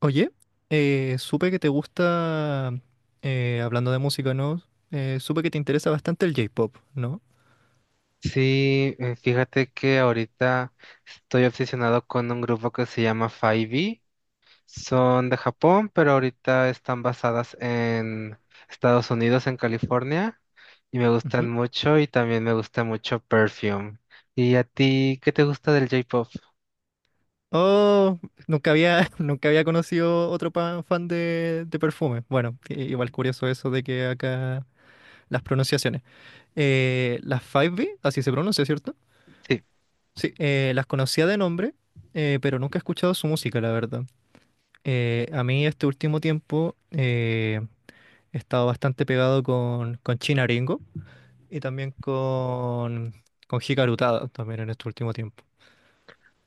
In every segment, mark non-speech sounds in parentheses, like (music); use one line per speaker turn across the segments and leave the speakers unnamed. Oye, supe que te gusta, hablando de música, ¿no? Supe que te interesa bastante el J-pop, ¿no?
Sí, fíjate que ahorita estoy obsesionado con un grupo que se llama 5. Son de Japón, pero ahorita están basadas en Estados Unidos, en California, y me gustan
Ujú.
mucho y también me gusta mucho Perfume. ¿Y a ti qué te gusta del J-Pop?
Oh, nunca había, (laughs) nunca había conocido otro fan de Perfume. Bueno, igual curioso eso de que acá las pronunciaciones. Las 5B, así se pronuncia, ¿cierto?
Sí.
Sí, las conocía de nombre, pero nunca he escuchado su música, la verdad. A mí este último tiempo he estado bastante pegado con China. Y también con Hikaru Tada, también en este último tiempo.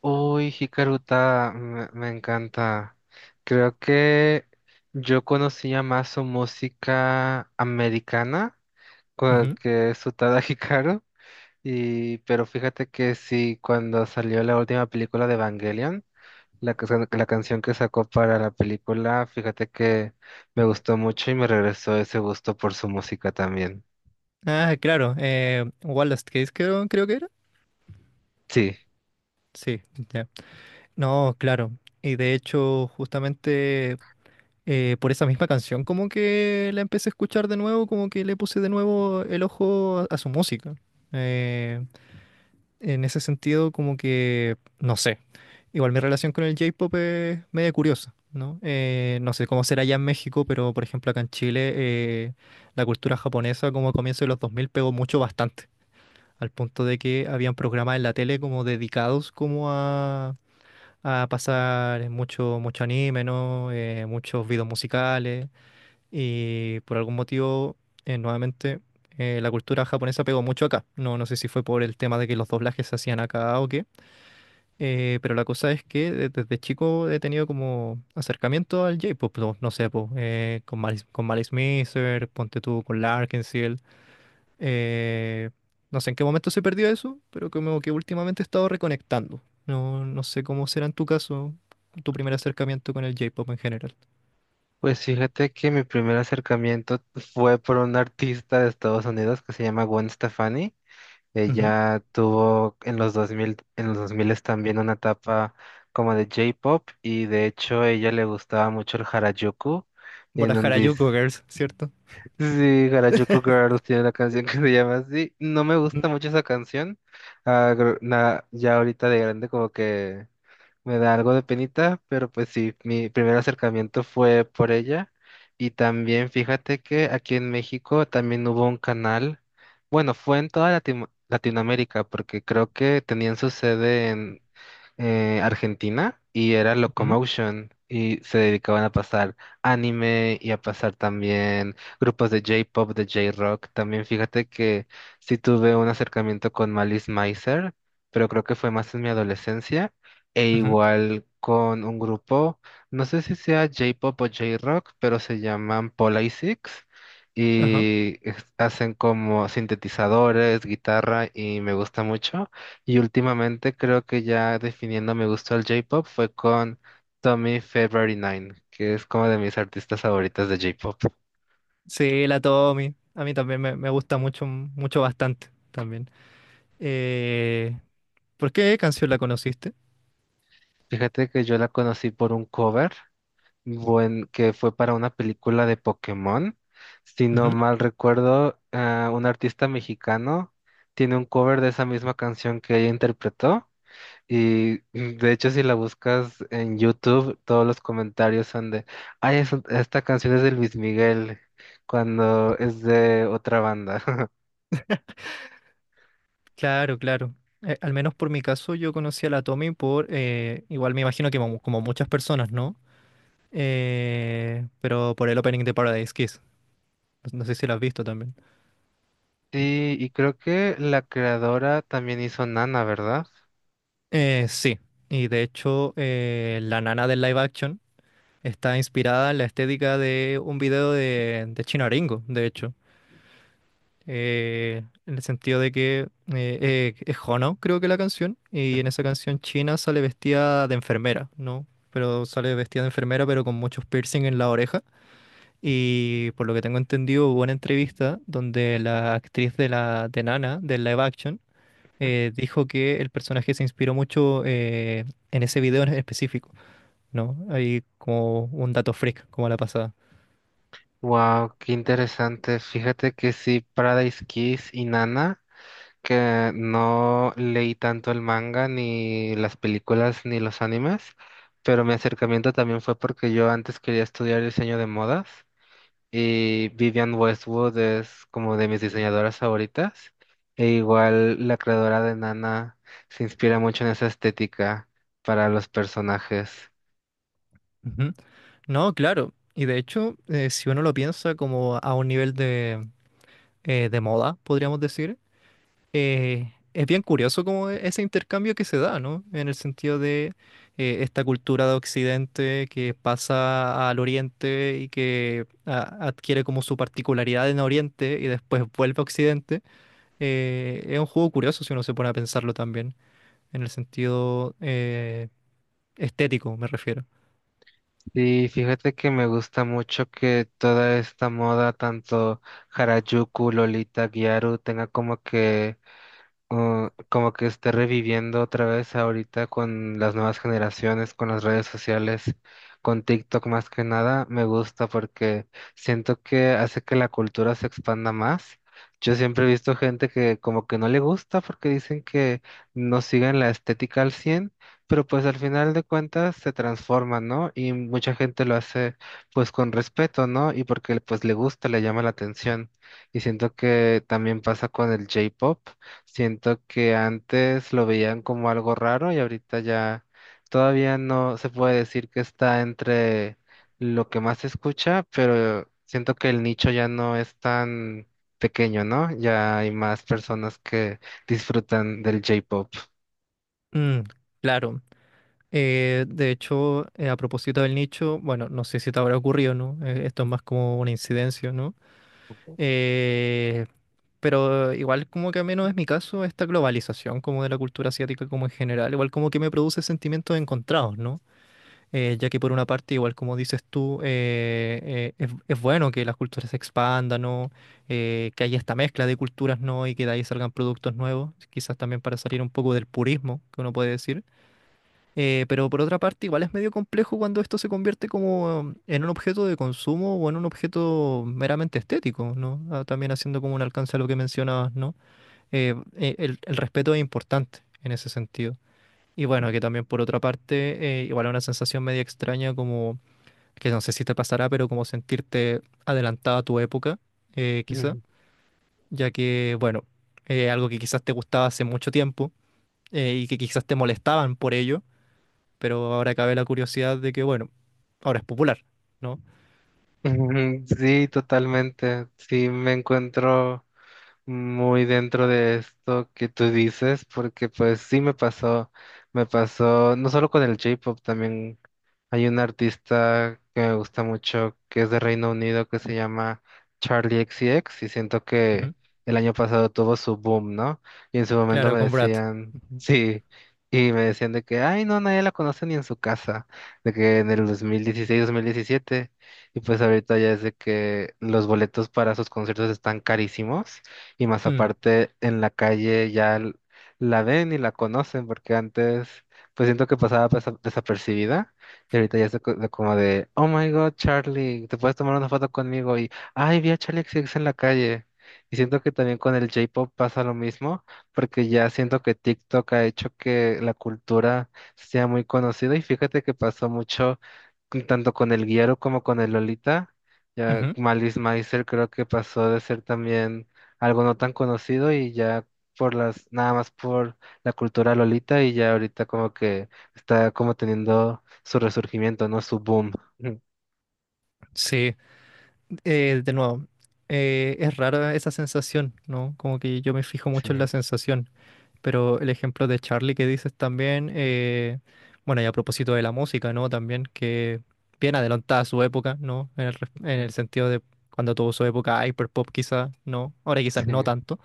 Uy, Hikaruta, me encanta. Creo que yo conocía más su música americana,
Ujú.
que su Tada Hikaru. Y, pero fíjate que sí, cuando salió la última película de Evangelion, la, que la canción que sacó para la película, fíjate que me gustó mucho y me regresó ese gusto por su música también.
Ah, claro, Wallace Case creo que era.
Sí,
Sí, ya. No, claro. Y de hecho, justamente por esa misma canción, como que la empecé a escuchar de nuevo, como que le puse de nuevo el ojo a su música. Eh, En ese sentido, como que, no sé, igual mi relación con el J-pop es media curiosa, ¿no? No sé cómo será allá en México, pero por ejemplo acá en Chile, la cultura japonesa como a comienzos de los 2000 pegó mucho bastante, al punto de que habían programas en la tele como dedicados como a pasar mucho, mucho anime, ¿no? Muchos videos musicales. Y por algún motivo, nuevamente, la cultura japonesa pegó mucho acá. No, no sé si fue por el tema de que los doblajes se hacían acá o qué. Pero la cosa es que desde chico he tenido como acercamiento al J-pop. No, no sé, po, con Malice Mizer, ponte tú con Larkinsill. eh, no sé en qué momento se perdió eso, pero como que últimamente he estado reconectando. No sé cómo será en tu caso tu primer acercamiento con el J-pop en general.
pues fíjate que mi primer acercamiento fue por una artista de Estados Unidos que se llama Gwen Stefani.
Ujú.
Ella tuvo en los 2000 también una etapa como de J-pop y de hecho a ella le gustaba mucho el Harajuku
Por
en
la
donde...
Harajuku Girls, ¿cierto?
Sí, Harajuku
(laughs)
Girls tiene una canción que se llama así. No me gusta mucho esa canción. Ah, ya ahorita de grande como que me da algo de penita, pero pues sí, mi primer acercamiento fue por ella. Y también fíjate que aquí en México también hubo un canal, bueno, fue en toda Latinoamérica, porque creo que tenían su sede Argentina, y era
Ujú,
Locomotion y se dedicaban a pasar anime y a pasar también grupos de J-pop, de J-rock. También fíjate que sí tuve un acercamiento con Malice Mizer, pero creo que fue más en mi adolescencia e
ujú,
igual con un grupo, no sé si sea J-pop o J-rock, pero se llaman Polysix.
ajá.
Hacen como sintetizadores, guitarra, y me gusta mucho. Y últimamente creo que ya definiendo mi gusto al J-pop fue con Tommy February Nine, que es como de mis artistas favoritas de J-pop.
Sí, la Tommy. A mí también me gusta mucho, mucho bastante también. Eh, ¿Por qué canción la conociste?
Fíjate que yo la conocí por un cover, que fue para una película de Pokémon. Si
Ujú.
no mal recuerdo, un artista mexicano tiene un cover de esa misma canción que ella interpretó. Y de hecho, si la buscas en YouTube, todos los comentarios son de, ay, esta canción es de Luis Miguel, cuando es de otra banda. (laughs)
Claro, claro. Al menos por mi caso, yo conocí a la Tommy por, igual me imagino que como, como muchas personas, ¿no? Pero por el opening de Paradise Kiss. No sé si lo has visto también.
Sí, y creo que la creadora también hizo Nana, ¿verdad?
Sí, y de hecho, la nana del live action está inspirada en la estética de un video de Chino Aringo, de hecho. En el sentido de que es Hono, creo que la canción, y en esa canción China sale vestida de enfermera, ¿no? Pero sale vestida de enfermera, pero con muchos piercing en la oreja. Y por lo que tengo entendido, hubo una entrevista donde la actriz de la de Nana, del live action, dijo que el personaje se inspiró mucho en ese video en específico, ¿no? Hay como un dato freak, como la pasada.
Wow, qué interesante. Fíjate que sí, Paradise Kiss y Nana, que no leí tanto el manga, ni las películas, ni los animes, pero mi acercamiento también fue porque yo antes quería estudiar diseño de modas. Y Vivian Westwood es como de mis diseñadoras favoritas. E igual la creadora de Nana se inspira mucho en esa estética para los personajes.
Ujú. No, claro. Y de hecho, si uno lo piensa como a un nivel de moda, podríamos decir. Es bien curioso como ese intercambio que se da, ¿no? En el sentido de esta cultura de Occidente que pasa al Oriente y que adquiere como su particularidad en Oriente y después vuelve a Occidente. Es un juego curioso si uno se pone a pensarlo también, en el sentido estético, me refiero.
Y fíjate que me gusta mucho que toda esta moda, tanto Harajuku, Lolita, Gyaru, tenga como que esté reviviendo otra vez ahorita con las nuevas generaciones, con las redes sociales, con TikTok más que nada. Me gusta porque siento que hace que la cultura se expanda más. Yo siempre he visto gente que como que no le gusta porque dicen que no siguen la estética al 100, pero pues al final de cuentas se transforma, ¿no? Y mucha gente lo hace pues con respeto, ¿no? Y porque pues le gusta, le llama la atención. Y siento que también pasa con el J-pop. Siento que antes lo veían como algo raro y ahorita ya todavía no se puede decir que está entre lo que más se escucha, pero siento que el nicho ya no es tan pequeño, ¿no? Ya hay más personas que disfrutan del J-pop.
Mm, claro. De hecho, a propósito del nicho, bueno, no sé si te habrá ocurrido, ¿no? Esto es más como una incidencia, ¿no? Eh, pero igual como que al menos es mi caso, esta globalización como de la cultura asiática como en general, igual como que me produce sentimientos encontrados, ¿no? Ya que por una parte, igual como dices tú, es bueno que las culturas se expandan, ¿no? Que haya esta mezcla de culturas, ¿no? Y que de ahí salgan productos nuevos, quizás también para salir un poco del purismo, que uno puede decir. Pero por otra parte, igual es medio complejo cuando esto se convierte como en un objeto de consumo o en un objeto meramente estético, ¿no? Ah, también haciendo como un alcance a lo que mencionabas, ¿no? El respeto es importante en ese sentido. Y bueno, que también por otra parte, igual es una sensación media extraña como, que no sé si te pasará, pero como sentirte adelantada a tu época, quizá,
Ujú.
ya que, bueno, algo que quizás te gustaba hace mucho tiempo y que quizás te molestaban por ello pero ahora cabe la curiosidad de que, bueno, ahora es popular, ¿no?
Ujú, sí, totalmente. Sí, me encuentro muy dentro de esto que tú dices, porque pues sí me pasó, no solo con el J-pop. También hay un artista que me gusta mucho, que es de Reino Unido, que se llama Charlie X C X, y siento que
Ujú.
el año pasado tuvo su boom, ¿no? Y en su momento
Claro,
me
con Brad.
decían, (laughs)
Ujú.
sí, y me decían de que, ay, no, nadie la conoce ni en su casa, de que en el dos mil dieciséis mil diecisiete, y pues ahorita ya es de que los boletos para sus conciertos están carísimos, y más
Mm,
aparte en la calle ya la ven y la conocen, porque antes pues siento que pasaba desapercibida, y ahorita ya es de de como de, oh my God, Charlie, te puedes tomar una foto conmigo y, ay, vi a Charlie X C X en la calle. Y siento que también con el J-Pop pasa lo mismo, porque ya siento que TikTok ha hecho que la cultura sea muy conocida, y fíjate que pasó mucho tanto con el Guiero como con el Lolita. Ya
ujú.
Malice Meiser creo que pasó de ser también algo no tan conocido, y ya por las, nada más por la cultura Lolita, y ya ahorita como que está como teniendo su resurgimiento, ¿no? Su boom. (laughs)
Sí, de nuevo, es rara esa sensación, ¿no? Como que yo me fijo mucho en la
Sí,
sensación, pero el ejemplo de Charlie que dices también, bueno, y a propósito de la música, ¿no? También que bien adelantada a su época, ¿no? En el, en
ujú,
el sentido de cuando tuvo su época hyperpop quizás, ¿no? Ahora quizás no
sí,
tanto.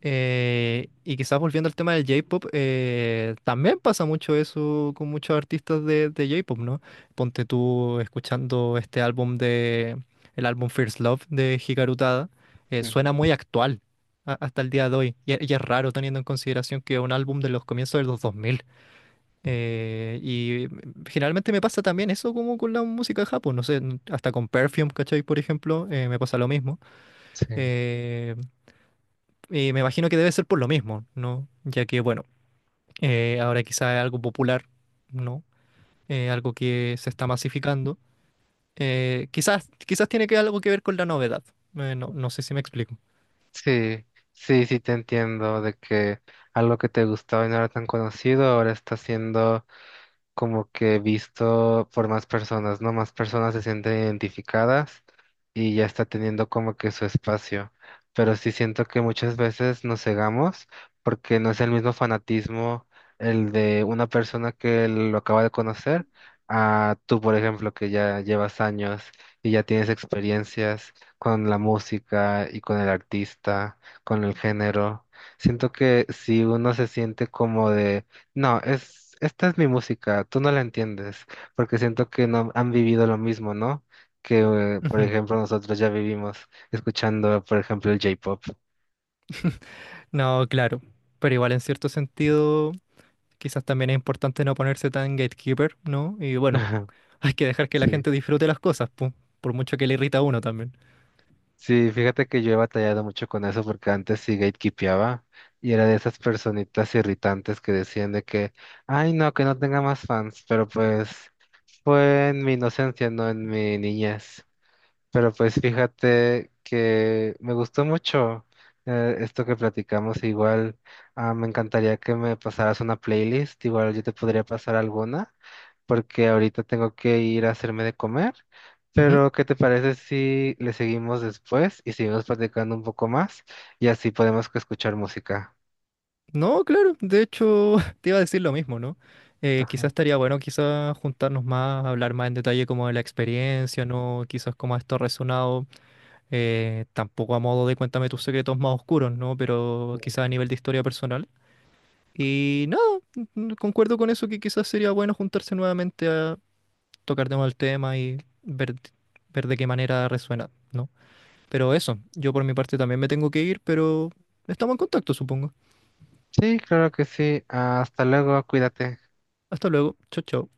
Y quizás volviendo al tema del J-pop, también pasa mucho eso con muchos artistas de J-pop, ¿no? Ponte tú escuchando este álbum de, el álbum First Love de Hikaru Tada,
ujú,
suena muy actual hasta el día de hoy. Y es raro teniendo en consideración que es un álbum de los comienzos de los dos mil. Generalmente me pasa también eso como con la música de Japón, no sé, hasta con Perfume, ¿cachai? Por ejemplo, me pasa lo mismo.
sí,
eh, Me imagino que debe ser por lo mismo, ¿no? Ya que, bueno, ahora quizás es algo popular, ¿no? Algo que se está masificando. Quizás tiene que algo que ver con la novedad. No, no sé si me explico.
sí, sí, sí te entiendo de que algo que te gustaba y no era tan conocido ahora está siendo como que visto por más personas, ¿no? Más personas se sienten identificadas y ya está teniendo como que su espacio. Pero sí siento que muchas veces nos cegamos porque no es el mismo fanatismo el de una persona que lo acaba de conocer a tú, por ejemplo, que ya llevas años y ya tienes experiencias con la música y con el artista, con el género. Siento que si uno se siente como de no, esta es mi música, tú no la entiendes, porque siento que no han vivido lo mismo, ¿no? Que, por
Ujú.
ejemplo, nosotros ya vivimos escuchando, por ejemplo, el J-pop. (laughs)
No, claro. Pero igual en cierto sentido, quizás también es importante no ponerse tan gatekeeper, ¿no? Y bueno,
Ajá,
(laughs) hay que dejar que la
sí,
gente disfrute las cosas, pu, por mucho que le irrita a uno también.
sí, fíjate que yo he batallado mucho con eso porque antes sí gatekeepeaba y era de esas personitas irritantes que decían de que, ay, no, que no tenga más fans, pero pues fue en mi inocencia, no en mi niñez. Pero pues fíjate que me gustó mucho esto que platicamos. Igual me encantaría que me pasaras una playlist. Igual yo te podría pasar alguna, porque ahorita tengo que ir a hacerme de comer. Pero ¿qué te parece si le seguimos después y seguimos platicando un poco más? Y así podemos que escuchar música.
No, claro, de hecho (laughs) te iba a decir lo mismo, ¿no? Quizás
Ajá.
estaría bueno quizás juntarnos más, hablar más en detalle como de la experiencia, ¿no? Quizás como esto ha resonado, tampoco a modo de cuéntame tus secretos más oscuros, ¿no? Pero quizás a nivel de historia personal. Y nada, concuerdo con eso que quizás sería bueno juntarse nuevamente a tocar de nuevo el tema y ver, ver de qué manera resuena, ¿no? Pero eso, yo por mi parte también me tengo que ir, pero estamos en contacto, supongo.
Sí, claro que sí. Hasta luego, cuídate.
Hasta luego, chao, chao.